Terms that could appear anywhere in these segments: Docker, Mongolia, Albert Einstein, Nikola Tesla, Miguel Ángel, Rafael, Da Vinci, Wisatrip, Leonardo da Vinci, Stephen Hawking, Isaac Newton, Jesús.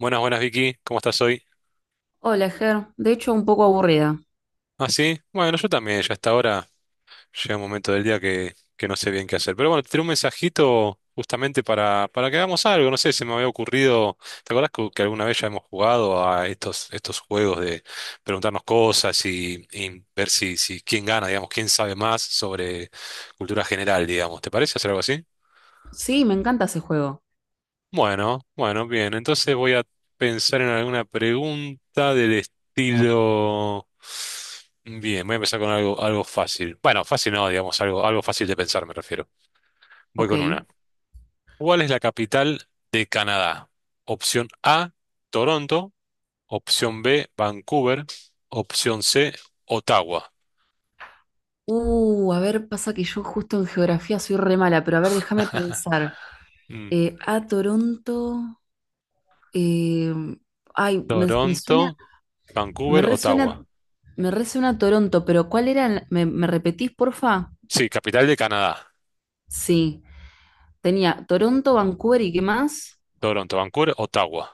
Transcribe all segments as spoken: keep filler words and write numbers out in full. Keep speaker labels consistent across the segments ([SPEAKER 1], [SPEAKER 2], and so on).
[SPEAKER 1] Buenas, buenas Vicky, ¿cómo estás hoy?
[SPEAKER 2] Hola, Ger. De hecho, un poco aburrida.
[SPEAKER 1] Ah, sí, bueno, yo también, ya hasta ahora llega un momento del día que, que no sé bien qué hacer. Pero bueno, te tiré un mensajito justamente para, para que hagamos algo, no sé, se me había ocurrido, ¿te acuerdas que, que alguna vez ya hemos jugado a estos, estos juegos de preguntarnos cosas y, y ver si, si quién gana, digamos, quién sabe más sobre cultura general, digamos, ¿te parece hacer algo así?
[SPEAKER 2] Sí, me encanta ese juego.
[SPEAKER 1] Bueno, bueno, bien. Entonces voy a pensar en alguna pregunta del estilo. Bien, voy a empezar con algo, algo fácil. Bueno, fácil no, digamos, algo, algo fácil de pensar, me refiero. Voy
[SPEAKER 2] Ok.
[SPEAKER 1] con una. ¿Cuál es la capital de Canadá? Opción A, Toronto. Opción B, Vancouver. Opción C, Ottawa.
[SPEAKER 2] Uh, a ver, pasa que yo justo en geografía soy re mala, pero a ver, déjame pensar.
[SPEAKER 1] Mm,
[SPEAKER 2] Eh, a Toronto. eh, ay, me, me suena.
[SPEAKER 1] Toronto,
[SPEAKER 2] Me
[SPEAKER 1] Vancouver, Ottawa.
[SPEAKER 2] resuena. Me resuena Toronto, pero ¿cuál era? el- ¿Me, me repetís, porfa?
[SPEAKER 1] Sí, capital de Canadá.
[SPEAKER 2] Sí. Tenía Toronto, Vancouver y qué más.
[SPEAKER 1] Toronto, Vancouver, Ottawa.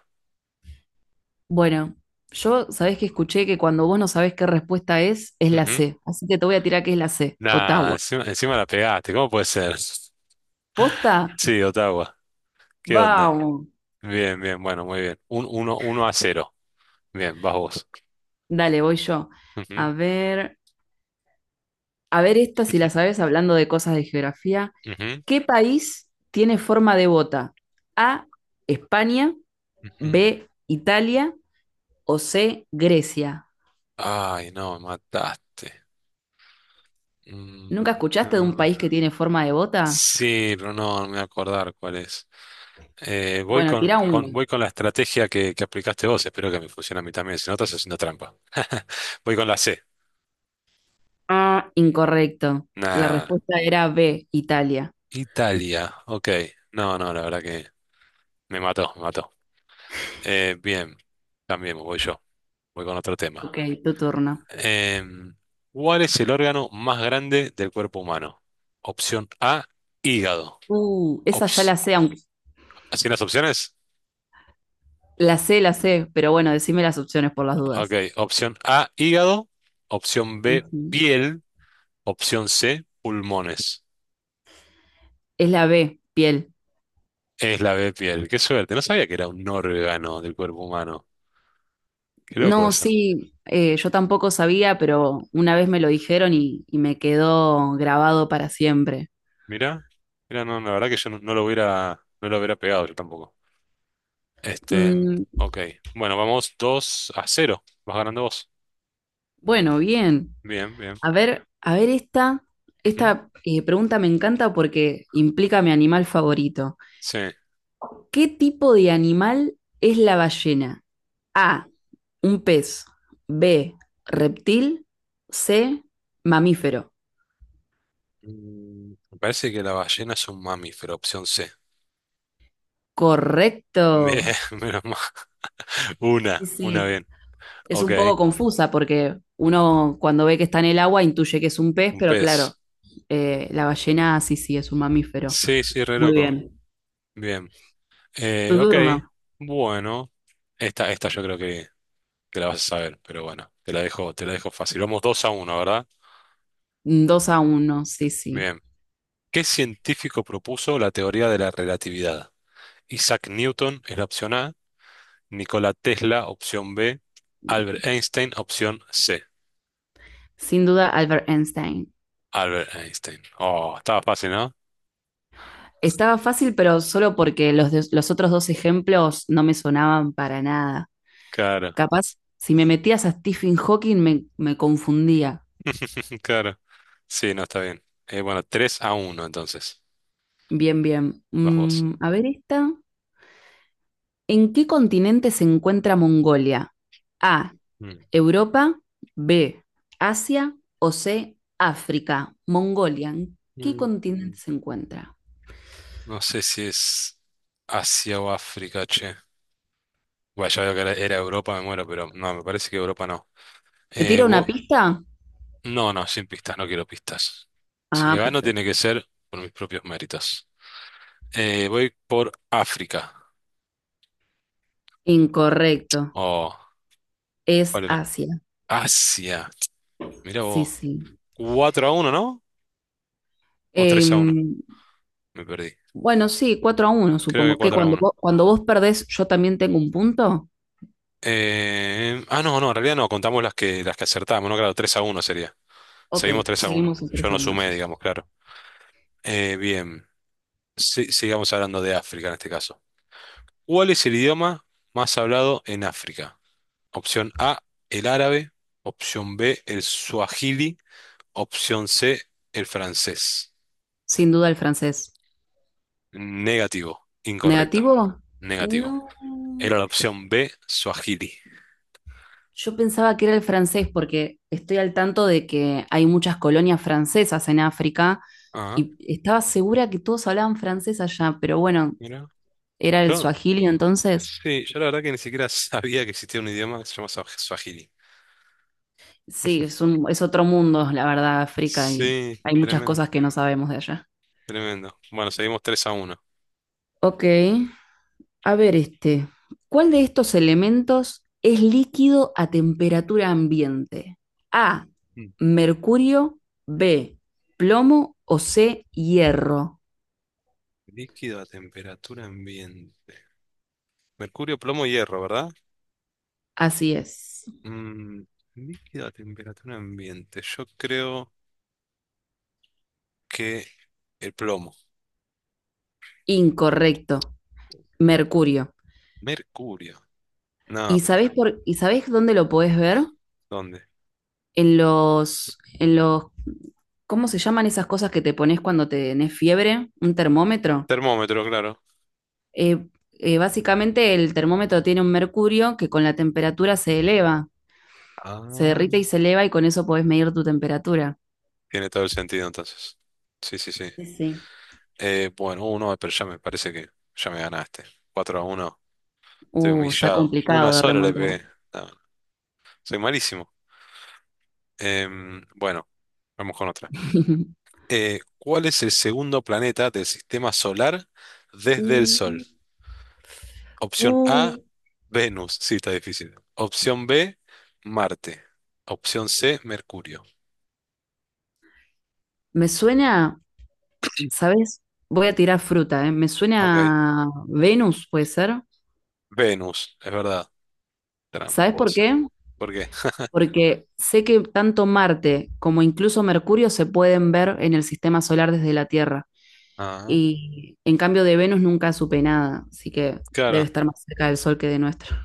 [SPEAKER 2] Bueno, yo sabés que escuché que cuando vos no sabés qué respuesta es, es la
[SPEAKER 1] Ujú.
[SPEAKER 2] C. Así que te voy a tirar que es la C,
[SPEAKER 1] Nah,
[SPEAKER 2] Ottawa.
[SPEAKER 1] encima, encima la pegaste, ¿cómo puede ser?
[SPEAKER 2] ¿Posta?
[SPEAKER 1] Sí, Ottawa, ¿qué onda?
[SPEAKER 2] Vamos.
[SPEAKER 1] Bien, bien, bueno, muy bien. Un, uno, uno a cero. Bien, vas vos.
[SPEAKER 2] Dale, voy yo.
[SPEAKER 1] Ujú,
[SPEAKER 2] A ver, a ver esta si la sabes hablando de cosas de geografía.
[SPEAKER 1] ujú,
[SPEAKER 2] ¿Qué país tiene forma de bota? A, España,
[SPEAKER 1] ujú.
[SPEAKER 2] B, Italia o C, Grecia.
[SPEAKER 1] Ay, no, me mataste.
[SPEAKER 2] ¿Nunca
[SPEAKER 1] Mm, no.
[SPEAKER 2] escuchaste de
[SPEAKER 1] No,
[SPEAKER 2] un
[SPEAKER 1] no.
[SPEAKER 2] país que tiene forma de bota?
[SPEAKER 1] Sí, pero no, no me voy a acordar cuál es. Eh, voy
[SPEAKER 2] Bueno,
[SPEAKER 1] con,
[SPEAKER 2] tira
[SPEAKER 1] con-
[SPEAKER 2] uno.
[SPEAKER 1] voy con la estrategia que, que aplicaste vos, espero que me funcione a mí también, si no estás haciendo trampa. Voy con la C.
[SPEAKER 2] Ah, incorrecto. La
[SPEAKER 1] Nah,
[SPEAKER 2] respuesta era B, Italia.
[SPEAKER 1] Italia, ok. No, no, la verdad que me mató, me mató. Eh, bien, cambiemos, voy yo, voy con otro tema.
[SPEAKER 2] Ok, tu turno.
[SPEAKER 1] Em, ¿cuál es el órgano más grande del cuerpo humano? Opción A, hígado.
[SPEAKER 2] Uh, esa ya la
[SPEAKER 1] Ops-
[SPEAKER 2] sé, aunque
[SPEAKER 1] ¿Así las opciones?
[SPEAKER 2] la sé, la sé, pero bueno, decime las opciones por las
[SPEAKER 1] Ok,
[SPEAKER 2] dudas.
[SPEAKER 1] opción A, hígado. Opción B,
[SPEAKER 2] Ujú.
[SPEAKER 1] piel. Opción C, pulmones.
[SPEAKER 2] Es la B, piel.
[SPEAKER 1] Es la B, piel. Qué suerte, no sabía que era un órgano del cuerpo humano. Qué loco
[SPEAKER 2] No,
[SPEAKER 1] eso.
[SPEAKER 2] sí, eh, yo tampoco sabía, pero una vez me lo dijeron y, y me quedó grabado para siempre.
[SPEAKER 1] Mira, mira, no, la verdad que yo no, no lo hubiera, no lo hubiera pegado yo tampoco. Este,
[SPEAKER 2] Mm,
[SPEAKER 1] ok. Bueno, vamos dos a cero. Vas ganando vos.
[SPEAKER 2] bueno, bien.
[SPEAKER 1] Bien, bien.
[SPEAKER 2] A ver, a ver esta,
[SPEAKER 1] Ujú.
[SPEAKER 2] esta eh, pregunta me encanta porque implica mi animal favorito.
[SPEAKER 1] Sí.
[SPEAKER 2] ¿Qué tipo de animal es la ballena? A, un pez. B, reptil. C, mamífero.
[SPEAKER 1] Mm, Me parece que la ballena es un mamífero, opción C.
[SPEAKER 2] Correcto.
[SPEAKER 1] Bien, menos mal.
[SPEAKER 2] Sí,
[SPEAKER 1] Una, una
[SPEAKER 2] sí.
[SPEAKER 1] bien.
[SPEAKER 2] Es
[SPEAKER 1] Ok,
[SPEAKER 2] un poco confusa porque uno cuando ve que está en el agua intuye que es un pez,
[SPEAKER 1] un
[SPEAKER 2] pero claro,
[SPEAKER 1] pez.
[SPEAKER 2] eh, la ballena sí, sí, es un mamífero.
[SPEAKER 1] Sí, sí, re
[SPEAKER 2] Muy
[SPEAKER 1] loco.
[SPEAKER 2] bien.
[SPEAKER 1] Bien. Eh,
[SPEAKER 2] Tu
[SPEAKER 1] ok,
[SPEAKER 2] turno.
[SPEAKER 1] bueno. Esta, esta yo creo que, que la vas a saber, pero bueno, te la dejo, te la dejo fácil. Vamos dos a uno, ¿verdad?
[SPEAKER 2] Dos a uno, sí, sí.
[SPEAKER 1] Bien. ¿Qué científico propuso la teoría de la relatividad? Isaac Newton es la opción A. Nikola Tesla, opción B. Albert Einstein, opción C.
[SPEAKER 2] Sin duda, Albert Einstein.
[SPEAKER 1] Albert Einstein. Oh, estaba fácil, ¿no?
[SPEAKER 2] Estaba fácil, pero solo porque los, de- los otros dos ejemplos no me sonaban para nada.
[SPEAKER 1] Claro,
[SPEAKER 2] Capaz, si me metías a Stephen Hawking me, me confundía.
[SPEAKER 1] claro. Sí, no está bien. Eh, bueno, tres a uno, entonces.
[SPEAKER 2] Bien, bien.
[SPEAKER 1] Vas vos.
[SPEAKER 2] Mm, a ver esta. ¿En qué continente se encuentra Mongolia? A,
[SPEAKER 1] Mm.
[SPEAKER 2] Europa, B, Asia o C, África, Mongolia. ¿En qué
[SPEAKER 1] Mm.
[SPEAKER 2] continente se encuentra?
[SPEAKER 1] No sé si es Asia o África, che. Bueno, ya veo que era era Europa, me muero, pero no, me parece que Europa no.
[SPEAKER 2] ¿Te
[SPEAKER 1] Eh,
[SPEAKER 2] tiro una
[SPEAKER 1] vos...
[SPEAKER 2] pista?
[SPEAKER 1] No, no, sin pistas, no quiero pistas. Si
[SPEAKER 2] Ah,
[SPEAKER 1] gano tiene
[SPEAKER 2] perfecto.
[SPEAKER 1] que ser por mis propios méritos. Eh, voy por África.
[SPEAKER 2] Incorrecto.
[SPEAKER 1] Oh,
[SPEAKER 2] Es
[SPEAKER 1] ¿cuál era?
[SPEAKER 2] Asia.
[SPEAKER 1] Asia. Mira
[SPEAKER 2] Sí,
[SPEAKER 1] vos.
[SPEAKER 2] sí.
[SPEAKER 1] Cuatro a uno, ¿no? O tres a uno,
[SPEAKER 2] Em,
[SPEAKER 1] me perdí.
[SPEAKER 2] bueno, sí, cuatro a uno,
[SPEAKER 1] Creo que
[SPEAKER 2] supongo. ¿Que
[SPEAKER 1] cuatro a
[SPEAKER 2] cuando
[SPEAKER 1] uno.
[SPEAKER 2] vos, cuando vos perdés, yo también tengo un punto?
[SPEAKER 1] Eh, ah, no, no, en realidad no, contamos las que, las que acertamos, ¿no? Claro, tres a uno sería.
[SPEAKER 2] Ok,
[SPEAKER 1] Seguimos tres a uno.
[SPEAKER 2] seguimos en
[SPEAKER 1] Yo
[SPEAKER 2] tres a
[SPEAKER 1] no
[SPEAKER 2] uno.
[SPEAKER 1] sumé,
[SPEAKER 2] Sí. Sí,
[SPEAKER 1] digamos,
[SPEAKER 2] sí.
[SPEAKER 1] claro. Eh, bien, Si- sigamos hablando de África en este caso. ¿Cuál es el idioma más hablado en África? Opción A, el árabe. Opción B, el suajili. Opción C, el francés.
[SPEAKER 2] Sin duda el francés.
[SPEAKER 1] Negativo,
[SPEAKER 2] ¿Negativo?
[SPEAKER 1] incorrecto.
[SPEAKER 2] No.
[SPEAKER 1] Negativo. Era la opción B, Swahili.
[SPEAKER 2] Yo pensaba que era el francés porque estoy al tanto de que hay muchas colonias francesas en África
[SPEAKER 1] Ah,
[SPEAKER 2] y estaba segura que todos hablaban francés allá, pero bueno,
[SPEAKER 1] mira.
[SPEAKER 2] era el
[SPEAKER 1] Yo,
[SPEAKER 2] suajili entonces.
[SPEAKER 1] sí, yo la verdad que ni siquiera sabía que existía un idioma que se llama Swah- Swahili.
[SPEAKER 2] Sí, es un, es otro mundo, la verdad, África y
[SPEAKER 1] Sí,
[SPEAKER 2] hay muchas
[SPEAKER 1] tremendo,
[SPEAKER 2] cosas que no sabemos de allá.
[SPEAKER 1] tremendo. Bueno, seguimos tres a uno.
[SPEAKER 2] Ok, a ver este. ¿Cuál de estos elementos es líquido a temperatura ambiente? A,
[SPEAKER 1] Mm.
[SPEAKER 2] mercurio, B, plomo o C, hierro.
[SPEAKER 1] Líquido a temperatura ambiente. Mercurio, plomo, hierro, ¿verdad?
[SPEAKER 2] Así es.
[SPEAKER 1] Mm, líquido a temperatura ambiente. Yo creo que el plomo.
[SPEAKER 2] Incorrecto. Mercurio.
[SPEAKER 1] Mercurio. No,
[SPEAKER 2] ¿Y
[SPEAKER 1] pero
[SPEAKER 2] sabés por, y sabés dónde lo podés ver?
[SPEAKER 1] ¿dónde?
[SPEAKER 2] En los, en los, ¿Cómo se llaman esas cosas que te pones cuando tenés fiebre? ¿Un termómetro?
[SPEAKER 1] Termómetro, claro.
[SPEAKER 2] Eh, eh, Básicamente el termómetro tiene un mercurio que con la temperatura se eleva, se
[SPEAKER 1] Ah,
[SPEAKER 2] derrite y se eleva y con eso podés medir tu temperatura.
[SPEAKER 1] tiene todo el sentido entonces. Sí, sí, sí.
[SPEAKER 2] Sí, sí.
[SPEAKER 1] Eh, bueno, uno, pero ya me parece que ya me ganaste. Cuatro a uno. Estoy
[SPEAKER 2] Uh, está
[SPEAKER 1] humillado. Una
[SPEAKER 2] complicado de
[SPEAKER 1] sola le
[SPEAKER 2] remontar.
[SPEAKER 1] pegué. No, soy malísimo. Em, bueno, vamos con otra. Eh, ¿cuál es el segundo planeta del sistema solar desde el Sol?
[SPEAKER 2] Mm,
[SPEAKER 1] Opción A,
[SPEAKER 2] mm.
[SPEAKER 1] Venus. Sí, está difícil. Opción B, Marte. Opción C, Mercurio.
[SPEAKER 2] Me suena. ¿Sabes? Voy a tirar fruta, ¿eh? Me
[SPEAKER 1] Ok.
[SPEAKER 2] suena a Venus, puede ser.
[SPEAKER 1] Venus, es verdad.
[SPEAKER 2] ¿Sabes por
[SPEAKER 1] Tramposa.
[SPEAKER 2] qué?
[SPEAKER 1] ¿Por qué?
[SPEAKER 2] Porque sé que tanto Marte como incluso Mercurio se pueden ver en el sistema solar desde la Tierra.
[SPEAKER 1] Ah,
[SPEAKER 2] Y en cambio de Venus nunca supe nada, así que debe
[SPEAKER 1] claro.
[SPEAKER 2] estar más cerca del Sol que de nuestro.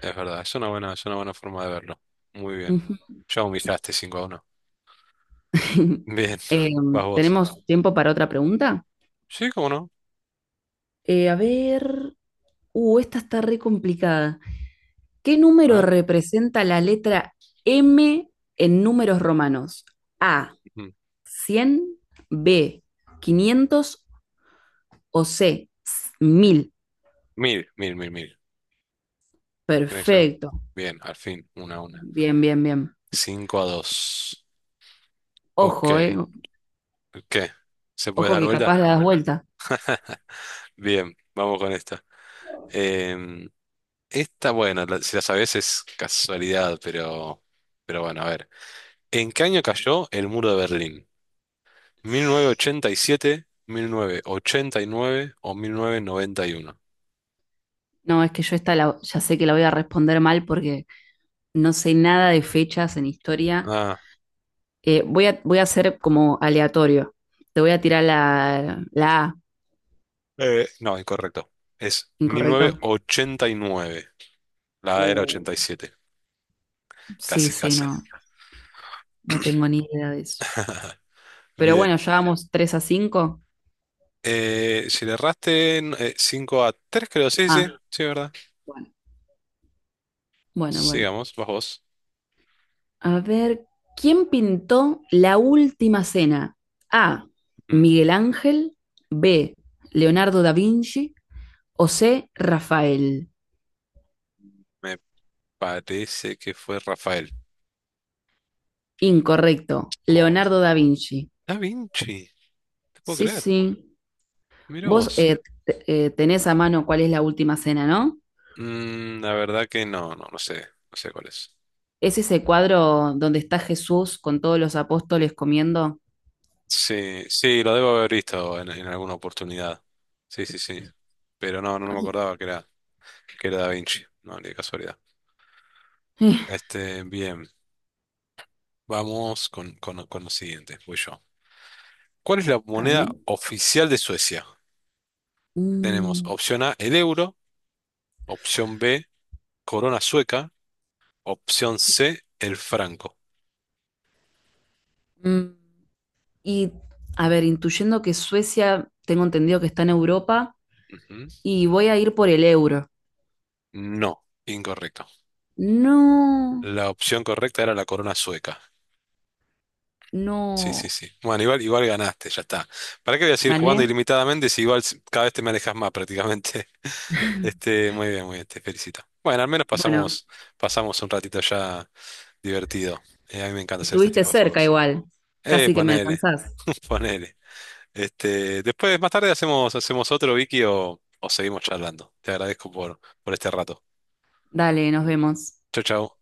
[SPEAKER 1] Es verdad, es una buena, es una buena, forma de verlo. Muy bien.
[SPEAKER 2] Ujú.
[SPEAKER 1] ¿Ya humillaste cinco a uno? Bien,
[SPEAKER 2] Eh,
[SPEAKER 1] vas vos.
[SPEAKER 2] ¿Tenemos tiempo para otra pregunta?
[SPEAKER 1] Sí, cómo no.
[SPEAKER 2] Eh, a ver. Uh, esta está re complicada. ¿Qué
[SPEAKER 1] A
[SPEAKER 2] número
[SPEAKER 1] ver.
[SPEAKER 2] representa la letra M en números romanos? A,
[SPEAKER 1] Mm.
[SPEAKER 2] cien, B, quinientos o C, mil.
[SPEAKER 1] Mil, mil, mil, mil. Tiene que ser mil.
[SPEAKER 2] Perfecto.
[SPEAKER 1] Bien, al fin, una a una.
[SPEAKER 2] Bien, bien, bien.
[SPEAKER 1] Cinco a dos. Ok.
[SPEAKER 2] Ojo, eh.
[SPEAKER 1] ¿Qué? ¿Se puede
[SPEAKER 2] Ojo
[SPEAKER 1] dar
[SPEAKER 2] que
[SPEAKER 1] vuelta?
[SPEAKER 2] capaz la das vuelta.
[SPEAKER 1] Bien, vamos con esta. Em, esta, bueno, la- si la sabes es casualidad, pero, pero bueno, a ver. ¿En qué año cayó el muro de Berlín? mil mil novecientos novecientos ochenta ochenta y siete, mil novecientos ochenta y nueve o mil novecientos noventa y uno.
[SPEAKER 2] No, es que yo esta la- ya sé que la voy a responder mal porque no sé nada de fechas en historia.
[SPEAKER 1] Ah,
[SPEAKER 2] Eh, voy a, voy a hacer como aleatorio. Te voy a tirar la, la A,
[SPEAKER 1] eh, no, incorrecto. Es mil novecientos
[SPEAKER 2] incorrecto.
[SPEAKER 1] ochenta y nueve La era
[SPEAKER 2] Uh,
[SPEAKER 1] ochenta y siete.
[SPEAKER 2] sí,
[SPEAKER 1] Casi,
[SPEAKER 2] sí,
[SPEAKER 1] casi.
[SPEAKER 2] no, no tengo ni idea de eso. Pero
[SPEAKER 1] Bien.
[SPEAKER 2] bueno, ya vamos tres a cinco.
[SPEAKER 1] Eh, si le erraste, eh, cinco a tres creo. Sí, sí,
[SPEAKER 2] Ah,
[SPEAKER 1] sí, ¿verdad?
[SPEAKER 2] bueno, bueno, bueno.
[SPEAKER 1] Sigamos, vas vos.
[SPEAKER 2] A ver, ¿quién pintó la última cena? A.
[SPEAKER 1] Mm,
[SPEAKER 2] Miguel Ángel. B. Leonardo da Vinci. O C. Rafael.
[SPEAKER 1] Me parece que fue Rafael.
[SPEAKER 2] Incorrecto.
[SPEAKER 1] Oh,
[SPEAKER 2] Leonardo
[SPEAKER 1] no.
[SPEAKER 2] da Vinci.
[SPEAKER 1] Da Vinci. No te puedo
[SPEAKER 2] Sí,
[SPEAKER 1] creer.
[SPEAKER 2] sí.
[SPEAKER 1] Mira
[SPEAKER 2] Vos
[SPEAKER 1] vos.
[SPEAKER 2] eh, t- eh, tenés a mano cuál es la última cena, ¿no?
[SPEAKER 1] Mm, la verdad que no, no, no sé. No sé cuál es.
[SPEAKER 2] Es ese cuadro donde está Jesús con todos los apóstoles comiendo.
[SPEAKER 1] Sí, sí, lo debo haber visto en, en alguna oportunidad. Sí, sí, sí. Pero no, no, no
[SPEAKER 2] Ah,
[SPEAKER 1] me
[SPEAKER 2] sí.
[SPEAKER 1] acordaba que era, que era Da Vinci, no, ni de casualidad. Este, bien, vamos con, con, con lo siguiente, voy yo. ¿Cuál es la
[SPEAKER 2] Está
[SPEAKER 1] moneda
[SPEAKER 2] bien.
[SPEAKER 1] oficial de Suecia? Tenemos
[SPEAKER 2] Mm,
[SPEAKER 1] opción A, el euro, opción B, corona sueca, opción C, el franco.
[SPEAKER 2] mm. Y, a ver, intuyendo que Suecia, tengo entendido que está en Europa,
[SPEAKER 1] Ujú.
[SPEAKER 2] y voy a ir por el euro.
[SPEAKER 1] No, incorrecto.
[SPEAKER 2] No,
[SPEAKER 1] La opción correcta era la corona sueca. Sí, sí,
[SPEAKER 2] no.
[SPEAKER 1] sí. Bueno, igual, igual ganaste, ya está. ¿Para qué voy a seguir jugando
[SPEAKER 2] ¿Gané?
[SPEAKER 1] ilimitadamente si igual s- cada vez te me alejas más prácticamente? Este, muy bien, muy bien, te felicito. Bueno, al menos
[SPEAKER 2] Bueno,
[SPEAKER 1] pasamos, pasamos, un ratito ya divertido. Eh, a mí me encanta hacer este
[SPEAKER 2] estuviste
[SPEAKER 1] tipo de
[SPEAKER 2] cerca
[SPEAKER 1] juegos.
[SPEAKER 2] igual.
[SPEAKER 1] Eh,
[SPEAKER 2] Casi que me
[SPEAKER 1] ponele,
[SPEAKER 2] alcanzás.
[SPEAKER 1] ponele. Este, después, más tarde hacemos, hacemos otro, Vicky, o, o seguimos charlando. Te agradezco por, por este rato.
[SPEAKER 2] Dale, nos vemos.
[SPEAKER 1] Chau, chau.